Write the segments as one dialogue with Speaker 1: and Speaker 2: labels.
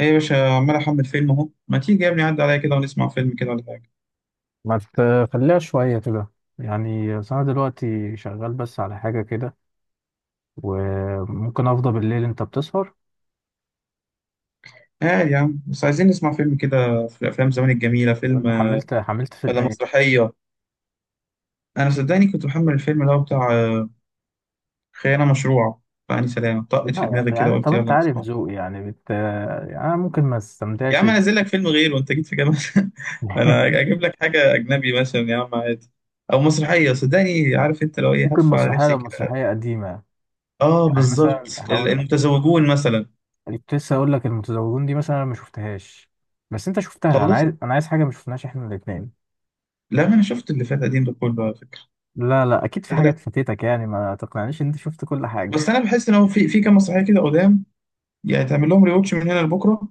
Speaker 1: ايه يا باشا عمال احمل فيلم اهو، ما تيجي يا ابني عدى عليا كده ونسمع فيلم كده ولا حاجه.
Speaker 2: ما تخليها شوية كده. يعني أصل أنا دلوقتي شغال بس على حاجة كده، وممكن أفضى بالليل. أنت بتسهر؟
Speaker 1: اه يا عم بس عايزين نسمع فيلم كده، في افلام زمان الجميله،
Speaker 2: طب
Speaker 1: فيلم
Speaker 2: أنت حملت فيلم
Speaker 1: ولا
Speaker 2: إيه؟
Speaker 1: مسرحيه. انا صدقني كنت محمل الفيلم اللي هو بتاع خيانه مشروعه، فاني سلام طقت
Speaker 2: لا
Speaker 1: في
Speaker 2: يعني,
Speaker 1: دماغي كده وقلت
Speaker 2: طب أنت
Speaker 1: يلا
Speaker 2: عارف
Speaker 1: نسمعه.
Speaker 2: ذوقي، يعني أنا ممكن ما
Speaker 1: يا
Speaker 2: استمتعش
Speaker 1: عم انزل لك فيلم غيره، وانت جيت في جامعه انا اجيب لك حاجه اجنبي مثلا يا عم عادي، او مسرحيه، صدقني عارف انت لو ايه
Speaker 2: ممكن
Speaker 1: هف على
Speaker 2: مسرحية،
Speaker 1: نفسي
Speaker 2: لو
Speaker 1: كده.
Speaker 2: مسرحية قديمة.
Speaker 1: اه
Speaker 2: يعني مثلا
Speaker 1: بالظبط
Speaker 2: هقول لك،
Speaker 1: المتزوجون مثلا.
Speaker 2: كنت لسه هقول لك المتزوجون دي مثلا، أنا ما شفتهاش بس أنت شفتها. أنا
Speaker 1: خلصت.
Speaker 2: عايز حاجة ما شفناهاش إحنا الاتنين.
Speaker 1: لا ما انا شفت اللي فات قديم ده كله على فكره.
Speaker 2: لا لا، أكيد في حاجات فاتتك، يعني ما تقنعنيش إن أنت شفت كل حاجة.
Speaker 1: بس انا بحس ان هو في كام مسرحيه كده قدام، يعني تعمل لهم ريوتش من هنا لبكره.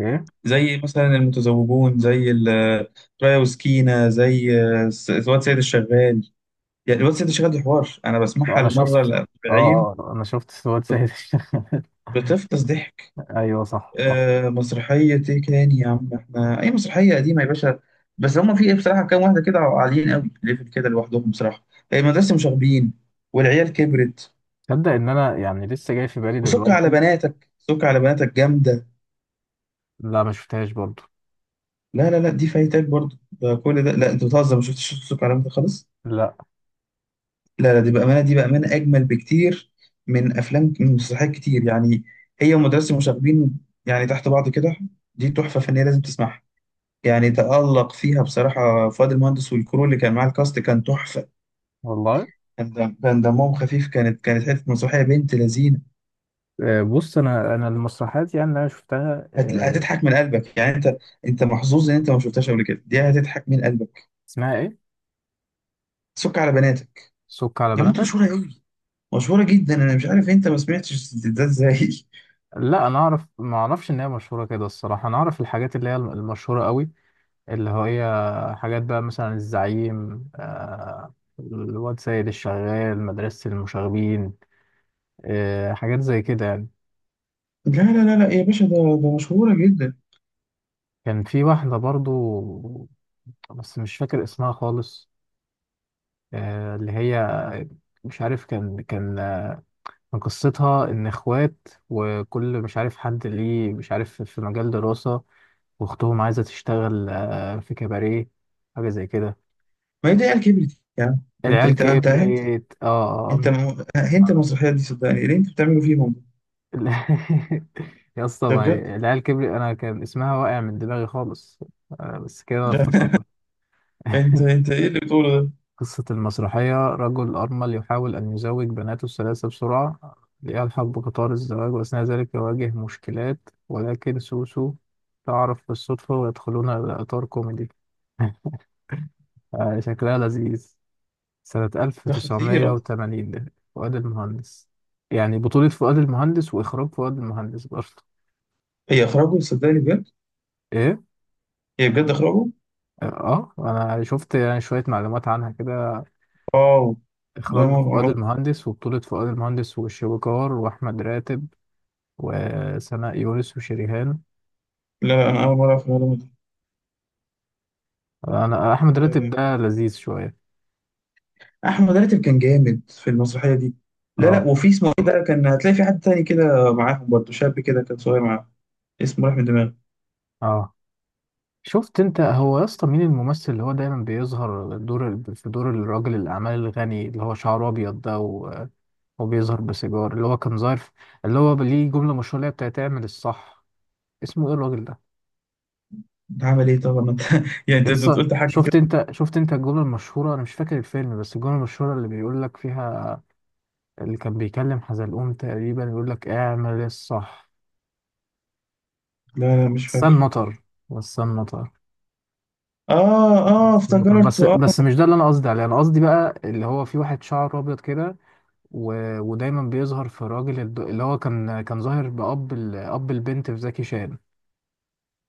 Speaker 2: إيه؟
Speaker 1: زي مثلا المتزوجون، زي رايا وسكينه، زي الواد سيد الشغال. يعني الواد سيد الشغال دي حوار انا بسمعها
Speaker 2: انا
Speaker 1: المره
Speaker 2: شفت، اه.
Speaker 1: الأربعين.
Speaker 2: انا شفت سواد سيد الشغال.
Speaker 1: بتفطس ضحك.
Speaker 2: ايوه، صح صح.
Speaker 1: آه، مسرحيه ايه تاني يا عم؟ احنا اي مسرحيه قديمه يا باشا، بس هما في ايه بصراحه كام واحده كده عاليين قوي ليفل كده لوحدهم بصراحه، يعني مدرسه مشاغبين والعيال كبرت.
Speaker 2: تصدق ان انا يعني لسه جاي في بالي
Speaker 1: وسك على
Speaker 2: دلوقتي.
Speaker 1: بناتك، سك على بناتك جامده.
Speaker 2: لا، ما شفتهاش برضو.
Speaker 1: لا لا لا، دي فايتك برضو ده، كل ده لا انت بتهزر، ما شفتش شفت الكلام ده خالص.
Speaker 2: لا.
Speaker 1: لا لا دي بامانه، دي بامانه اجمل بكتير من افلام، من مسرحيات كتير يعني، هي ومدرسه المشاغبين، يعني تحت بعض كده. دي تحفه فنيه لازم تسمعها. يعني تألق فيها بصراحه فؤاد المهندس، والكرو اللي كان معاه الكاست كان تحفه.
Speaker 2: والله.
Speaker 1: كان دمهم خفيف، كانت حته مسرحيه بنت لذينه.
Speaker 2: بص، انا المسرحيات يعني اللي انا شفتها آه،
Speaker 1: هتضحك من قلبك يعني انت، انت محظوظ ان انت ما شفتهاش قبل كده، دي هتضحك من قلبك.
Speaker 2: اسمها ايه؟
Speaker 1: سك على بناتك.
Speaker 2: سك على
Speaker 1: يا عم انتوا
Speaker 2: بناتك.
Speaker 1: مشهوره قوي، مشهورة جدا، أنا مش عارف أنت ما سمعتش ده إزاي.
Speaker 2: لا، انا اعرف، ما اعرفش ان هي مشهوره كده الصراحه. انا اعرف الحاجات اللي هي المشهوره قوي، اللي هي حاجات بقى مثلا الزعيم، الواد سيد الشغال، مدرسه المشاغبين. حاجات زي كده يعني.
Speaker 1: لا لا لا لا يا باشا، ده ده مشهورة جدا.
Speaker 2: كان في واحدة برضو، بس مش فاكر اسمها خالص. اللي هي مش عارف، كان كان قصتها إن إخوات، وكل مش عارف حد ليه مش عارف في مجال دراسة، وأختهم عايزة تشتغل في كباريه. حاجة زي كده.
Speaker 1: ما هي دي عيال كبرت يا عم. ده أنت
Speaker 2: العيال
Speaker 1: أنت أنت أنت
Speaker 2: كبرت، اه.
Speaker 1: أهنت
Speaker 2: آه،
Speaker 1: المسرحية دي صدقني اللي أنت بتعمله فيهم.
Speaker 2: أنا يا اسطى،
Speaker 1: ده
Speaker 2: ما
Speaker 1: بجد.
Speaker 2: هي- العيال كبرت أنا كان اسمها واقع من دماغي خالص. بس كده أنا
Speaker 1: ده
Speaker 2: افتكرتها.
Speaker 1: أنت، أنت إيه اللي بتقوله ده؟
Speaker 2: قصة المسرحية: رجل أرمل يحاول أن يزوج بناته الثلاثة بسرعة ليلحق بقطار الزواج، وأثناء ذلك يواجه مشكلات، ولكن سوسو تعرف بالصدفة، ويدخلون إلى إطار كوميدي. شكلها لذيذ. سنة
Speaker 1: ده خطيرة.
Speaker 2: 1980. فؤاد المهندس. يعني بطولة فؤاد المهندس وإخراج فؤاد المهندس برضه.
Speaker 1: هي إخراجه صدقني بجد.
Speaker 2: إيه؟
Speaker 1: هي بجد إخراجه.
Speaker 2: آه، أنا شفت يعني شوية معلومات عنها كده.
Speaker 1: واو. ده
Speaker 2: إخراج
Speaker 1: ما
Speaker 2: فؤاد المهندس، وبطولة فؤاد المهندس والشويكار وأحمد راتب وسناء يونس وشريهان.
Speaker 1: لا لا، أنا أول مرة أعرف المعلومة دي.
Speaker 2: انا احمد
Speaker 1: لا
Speaker 2: راتب
Speaker 1: لا،
Speaker 2: ده لذيذ شويه.
Speaker 1: أحمد راتب كان جامد في المسرحية دي. لا لا،
Speaker 2: اه.
Speaker 1: وفي اسمه إيه بقى، كان هتلاقي في حد تاني كده معاهم برضه، شاب كده كان صغير معاهم، اسمه راح من دماغي.
Speaker 2: اه، شفت انت هو يا اسطى، مين الممثل اللي هو دايما بيظهر دور في دور الراجل الاعمال الغني، اللي هو شعره ابيض ده، وبيظهر بسيجار، اللي هو كان ظاهر اللي هو ليه جمله مشهوره اللي هي بتاعت اعمل الصح؟ اسمه ايه الراجل ده؟
Speaker 1: بعمل ايه طبعا ما انت يعني
Speaker 2: يا
Speaker 1: انت، أنت
Speaker 2: اسطى،
Speaker 1: قلت حاجه
Speaker 2: شفت
Speaker 1: كده.
Speaker 2: انت، شفت انت الجمله المشهوره؟ انا مش فاكر الفيلم بس الجمله المشهوره اللي بيقول لك فيها، اللي كان بيكلم حزلقوم تقريبا، يقول لك اعمل الصح.
Speaker 1: لا لا مش
Speaker 2: السن
Speaker 1: فاكر.
Speaker 2: مطر. والسن مطر.
Speaker 1: اه اه
Speaker 2: المطر.
Speaker 1: افتكرت
Speaker 2: بس
Speaker 1: اه.
Speaker 2: بس مش ده اللي انا قصدي عليه. انا قصدي بقى اللي هو في واحد شعره ابيض كده و... ودايما بيظهر في الراجل اللي هو كان ظاهر بأب أب البنت في زكي شان.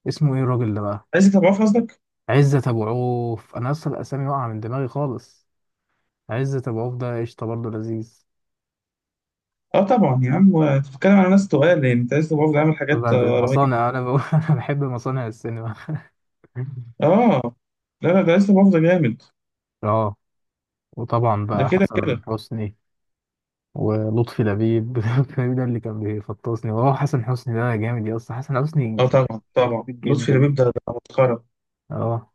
Speaker 2: اسمه ايه الراجل ده بقى؟
Speaker 1: عايز تضعف قصدك.
Speaker 2: عزت ابو عوف. انا اصلا الاسامي واقعه من دماغي خالص. عزت ابو عوف ده قشطه برضه، لذيذ.
Speaker 1: اه طبعا يا عم، انت بتتكلم على ناس تقال، يعني انت عايز تضعف ده عامل حاجات
Speaker 2: بعد
Speaker 1: رهيبه.
Speaker 2: المصانع انا بقول انا بحب مصانع السينما.
Speaker 1: اه، لا لا ده عايز تضعف ده جامد.
Speaker 2: اه. وطبعا
Speaker 1: ده
Speaker 2: بقى
Speaker 1: كده
Speaker 2: حسن
Speaker 1: كده.
Speaker 2: حسني ولطفي لبيب. لطفي لبيب ده اللي كان بيفطسني. وهو حسن حسني ده جامد يا اسطى، حسن حسني
Speaker 1: اه طبعا طبعا
Speaker 2: جامد
Speaker 1: لطفي
Speaker 2: جدا.
Speaker 1: لبيب ده ده مسخره.
Speaker 2: اه.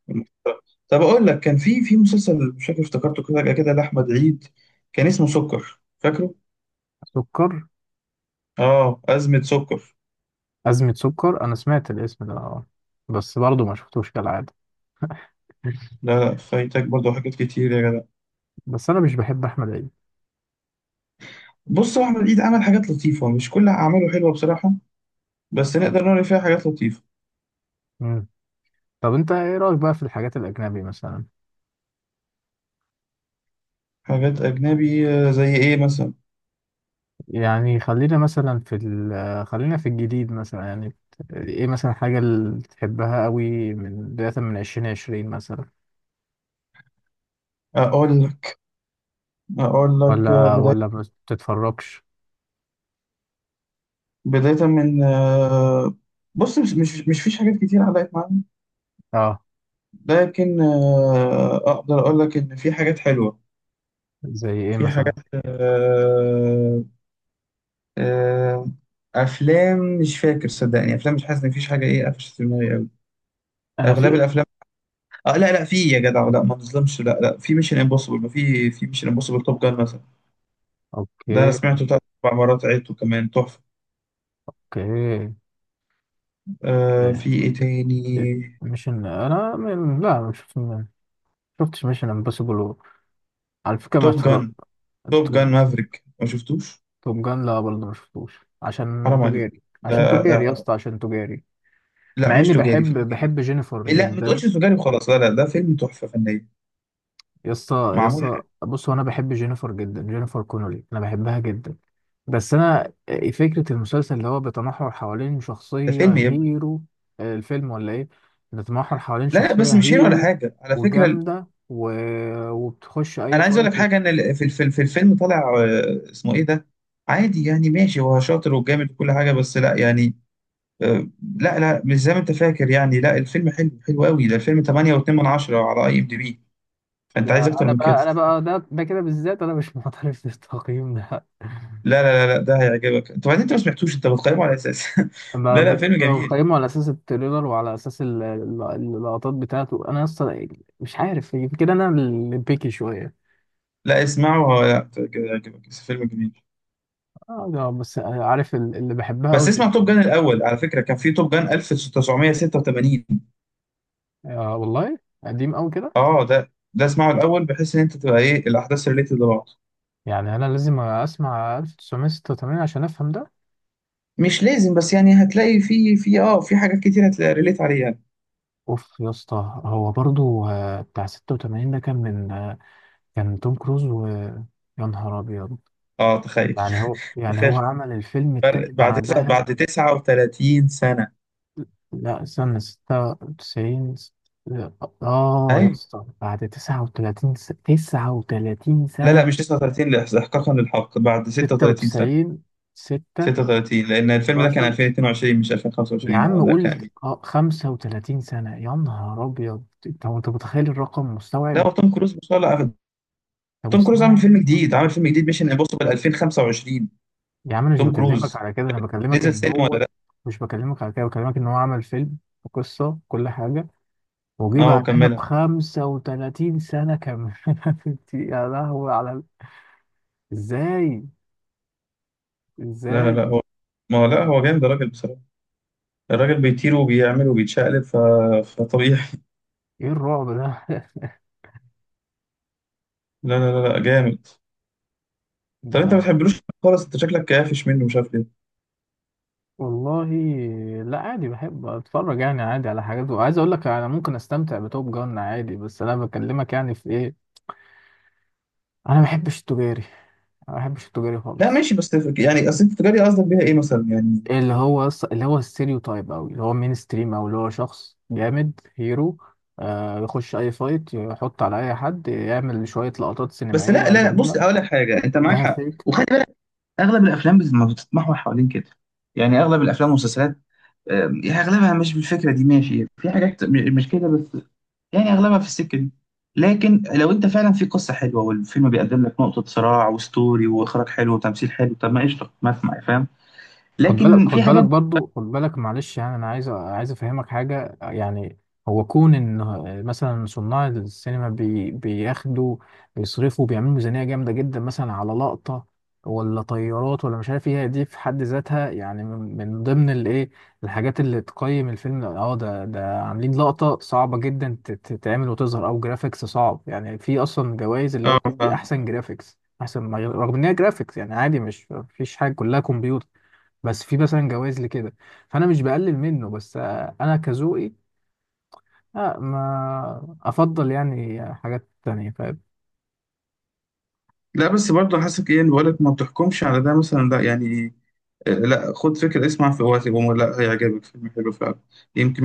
Speaker 1: طب اقول لك، كان في مسلسل مش فاكر افتكرته كده كده لاحمد عيد، كان اسمه سكر فاكره؟
Speaker 2: سكر.
Speaker 1: اه ازمه سكر.
Speaker 2: أزمة سكر، أنا سمعت الاسم ده، اه. بس برضه ما شفتوش كالعادة.
Speaker 1: لا لا فايتك برضه حاجات كتير يا جدع.
Speaker 2: بس أنا مش بحب أحمد عيد.
Speaker 1: بص هو احمد عيد عمل حاجات لطيفة، مش كل أعماله حلوة بصراحة، بس
Speaker 2: اه.
Speaker 1: نقدر نقول إن فيها حاجات لطيفة.
Speaker 2: مم. طب أنت إيه رأيك بقى في الحاجات الأجنبي مثلا؟
Speaker 1: حاجات أجنبي زي إيه مثلا؟
Speaker 2: يعني خلينا مثلا في خلينا في الجديد مثلا يعني. إيه مثلا الحاجة اللي تحبها قوي، من بداية من عشرين عشرين مثلا؟
Speaker 1: أقول لك، أقول لك آه،
Speaker 2: ولا
Speaker 1: بداية
Speaker 2: ما بتتفرجش؟
Speaker 1: بداية من آه، بص، مش فيش حاجات كتير علقت معايا،
Speaker 2: اه.
Speaker 1: لكن أقدر أقول لك إن في حاجات حلوة.
Speaker 2: زي إيه
Speaker 1: في حاجات
Speaker 2: مثلا؟
Speaker 1: آه، أفلام مش فاكر صدقني، أفلام مش حاسس إن فيش حاجة إيه قفشت في دماغي أوي،
Speaker 2: أنا
Speaker 1: أغلب
Speaker 2: في.
Speaker 1: الأفلام. آه لا لا في يا جدع، لا ما نظلمش، لا لا في ميشن امبوسيبل، ما في ميشن امبوسيبل توب جان مثلا. ده انا
Speaker 2: أوكي.
Speaker 1: سمعته تلات اربع مرات، عدته كمان تحفه.
Speaker 2: أوكي.
Speaker 1: آه، في ايه تاني؟
Speaker 2: ميشن انا من... لا، ما شفت، ما شفتش ميشن امبوسيبل، على فكره ما
Speaker 1: توب جان،
Speaker 2: اتفرجت.
Speaker 1: توب جان
Speaker 2: توب،
Speaker 1: مافريك ما شفتوش؟
Speaker 2: توب جان لا برضه ما شفتوش عشان
Speaker 1: حرام عليك.
Speaker 2: تجاري.
Speaker 1: ده
Speaker 2: عشان تجاري يا
Speaker 1: آه،
Speaker 2: اسطى، عشان تجاري. مع
Speaker 1: لا مش
Speaker 2: اني
Speaker 1: تجاري، فيلم
Speaker 2: بحب
Speaker 1: جميل.
Speaker 2: جينيفر
Speaker 1: لا ما تقولش
Speaker 2: جدا.
Speaker 1: تجاري وخلاص، لا لا ده فيلم تحفه فنيه،
Speaker 2: يا اسطى،
Speaker 1: معمول حلو.
Speaker 2: بص، هو انا بحب جينيفر جدا، جينيفر كونولي، انا بحبها جدا. بس انا إيه، فكره المسلسل اللي هو بيتمحور حوالين
Speaker 1: ده
Speaker 2: شخصيه
Speaker 1: فيلم يا ابني.
Speaker 2: هيرو. الفيلم ولا ايه؟ بيتمحور حوالين
Speaker 1: لا لا
Speaker 2: شخصيه
Speaker 1: بس مش هيرو ولا
Speaker 2: هيرو
Speaker 1: حاجه على فكره
Speaker 2: وجامده و... وبتخش اي
Speaker 1: انا عايز اقول
Speaker 2: فايت.
Speaker 1: لك حاجه، ان في الفيلم، في الفيلم طالع اسمه ايه ده، عادي يعني ماشي، هو شاطر وجامد وكل حاجه، بس لا يعني آه، لا لا مش زي ما انت فاكر يعني، لا الفيلم حلو، حلو قوي، ده الفيلم 8.2 من 10 على اي ام دي بي، فانت
Speaker 2: لا،
Speaker 1: عايز اكتر
Speaker 2: انا
Speaker 1: من
Speaker 2: بقى
Speaker 1: كده؟
Speaker 2: انا بقى ده كده بالذات انا مش معترف بالتقييم ده.
Speaker 1: لا لا لا لا، ده هيعجبك انت بعدين، انت ما سمعتوش انت بتقيمه على اساس
Speaker 2: اما
Speaker 1: لا لا فيلم جميل.
Speaker 2: بقيمه على اساس التريلر، وعلى اساس اللقطات بتاعته. انا اصلا مش عارف، يمكن انا اللي بيكي شويه.
Speaker 1: لا اسمعه هو، لا ت- هيعجبك، بس فيلم جميل.
Speaker 2: اه، ده بس عارف اللي بحبها
Speaker 1: بس
Speaker 2: قوي
Speaker 1: اسمع
Speaker 2: جينيفر.
Speaker 1: توب جان الاول على فكره، كان في توب جان 1986.
Speaker 2: آه والله. قديم قوي كده.
Speaker 1: اه ده، ده اسمعه الاول بحيث ان انت تبقى ايه الاحداث ريليتد لبعض.
Speaker 2: يعني انا لازم اسمع 1986 عشان افهم ده؟
Speaker 1: مش لازم، بس يعني هتلاقي في اه في حاجات كتير هتلاقي ريليت عليها.
Speaker 2: اوف يا اسطى، هو برضو بتاع 86 ده كان من كان توم كروز، ويا نهار ابيض.
Speaker 1: اه تخيل.
Speaker 2: يعني هو، يعني هو
Speaker 1: تخيل
Speaker 2: عمل الفيلم
Speaker 1: فرق
Speaker 2: التاني
Speaker 1: بعد تسعة،
Speaker 2: بعدها؟
Speaker 1: بعد 39 سنة.
Speaker 2: لا، سنة ستة وتسعين. اه يا
Speaker 1: أيوة.
Speaker 2: اسطى، بعد تسعة وتلاتين تسعة وتلاتين
Speaker 1: لا لا
Speaker 2: سنة.
Speaker 1: مش 39، لا، إحقاقا للحق بعد
Speaker 2: ستة
Speaker 1: 36 سنة.
Speaker 2: وتسعين. ستة.
Speaker 1: 36، لأن الفيلم ده كان
Speaker 2: ستاشر.
Speaker 1: 2022 مش
Speaker 2: يا
Speaker 1: 2025، أه
Speaker 2: عم
Speaker 1: ده
Speaker 2: قول.
Speaker 1: كان.
Speaker 2: خمسة وتلاتين سنة، يا نهار أبيض! أنت متخيل الرقم؟ مستوعب؟
Speaker 1: لا هو توم كروز ما شاء الله
Speaker 2: أنت
Speaker 1: توم كروز عامل
Speaker 2: مستوعب يا
Speaker 1: فيلم
Speaker 2: اسطى؟
Speaker 1: جديد، عامل فيلم جديد ميشن امبوسيبل 2025.
Speaker 2: يا عم، أنا مش
Speaker 1: توم
Speaker 2: بكلمك
Speaker 1: كروز
Speaker 2: على كده، أنا بكلمك
Speaker 1: نزل
Speaker 2: إن
Speaker 1: سينما ولا
Speaker 2: هو.
Speaker 1: لا؟
Speaker 2: مش بكلمك على كده، بكلمك إن هو عمل فيلم وقصة كل حاجة، وجي
Speaker 1: أه
Speaker 2: بعدها ب
Speaker 1: وكملها.
Speaker 2: 35 سنة كمان. انت-. يا لهوي على ازاي؟
Speaker 1: لا لا لا
Speaker 2: ازاي؟
Speaker 1: هو، ما هو لا هو جامد الراجل بصراحة، الراجل بيطير وبيعمل وبيتشقلب فطبيعي.
Speaker 2: ايه الرعب ده؟
Speaker 1: لا لا لا لا جامد. طب أنت ما
Speaker 2: ده.
Speaker 1: بتحبلوش خالص، أنت شكلك كافش منه مش عارف.
Speaker 2: والله. لا عادي، بحب اتفرج يعني عادي على حاجات، وعايز اقول لك انا ممكن استمتع بتوب جان عادي، بس انا بكلمك يعني في ايه. انا ما بحبش التجاري، ما بحبش التجاري
Speaker 1: لا
Speaker 2: خالص.
Speaker 1: ماشي، يعني اصل التجاري قصدك بيها ايه مثلا يعني؟
Speaker 2: اللي هو اللي هو الستيريو تايب أوي، اللي هو مين ستريم، أو اللي هو شخص جامد هيرو، آه يخش أي فايت، يحط على أي حد، يعمل شوية لقطات
Speaker 1: بس لا
Speaker 2: سينمائية
Speaker 1: لا، بص
Speaker 2: جميلة،
Speaker 1: اقول لك حاجه، انت معاك
Speaker 2: كلها
Speaker 1: حق
Speaker 2: فيك.
Speaker 1: وخلي بالك، اغلب الافلام ما بتتمحور حوالين كده، يعني اغلب الافلام والمسلسلات، يعني اغلبها مش بالفكره دي، ماشي في حاجات مش كده بس، يعني اغلبها في السكه دي. لكن لو انت فعلا في قصه حلوه، والفيلم بيقدم لك نقطه صراع وستوري واخراج حلو وتمثيل حلو، طب ما قشطه، ما اسمع، فاهم؟
Speaker 2: خد بالك،
Speaker 1: لكن في
Speaker 2: خد بالك
Speaker 1: حاجات.
Speaker 2: برضو خد بالك معلش، يعني انا عايز افهمك حاجه. يعني هو كون ان مثلا صناع السينما بياخدوا، بيصرفوا، بيعملوا ميزانيه جامده جدا مثلا على لقطه، ولا طيارات، ولا مش عارف ايه، دي في حد ذاتها يعني من ضمن الايه، الحاجات اللي تقيم الفيلم. اه، ده عاملين لقطه صعبه جدا تتعمل وتظهر، او جرافيكس صعب. يعني في اصلا جوائز اللي هو
Speaker 1: اه
Speaker 2: بتدي
Speaker 1: فاهم.
Speaker 2: احسن جرافيكس، احسن رغم ان هي جرافيكس يعني عادي، مش، مفيش حاجه، كلها كمبيوتر، بس في مثلا جوائز لكده. فانا مش بقلل منه، بس آه، انا كذوقي آه ما افضل يعني حاجات تانية.
Speaker 1: لا بس برضه حاسس ايه اللي بقولك، ما بتحكمش على ده مثلا ده يعني. لا خد فكرة اسمع، في وقت لا، هيعجبك فيلم حلو فعلا، يمكن من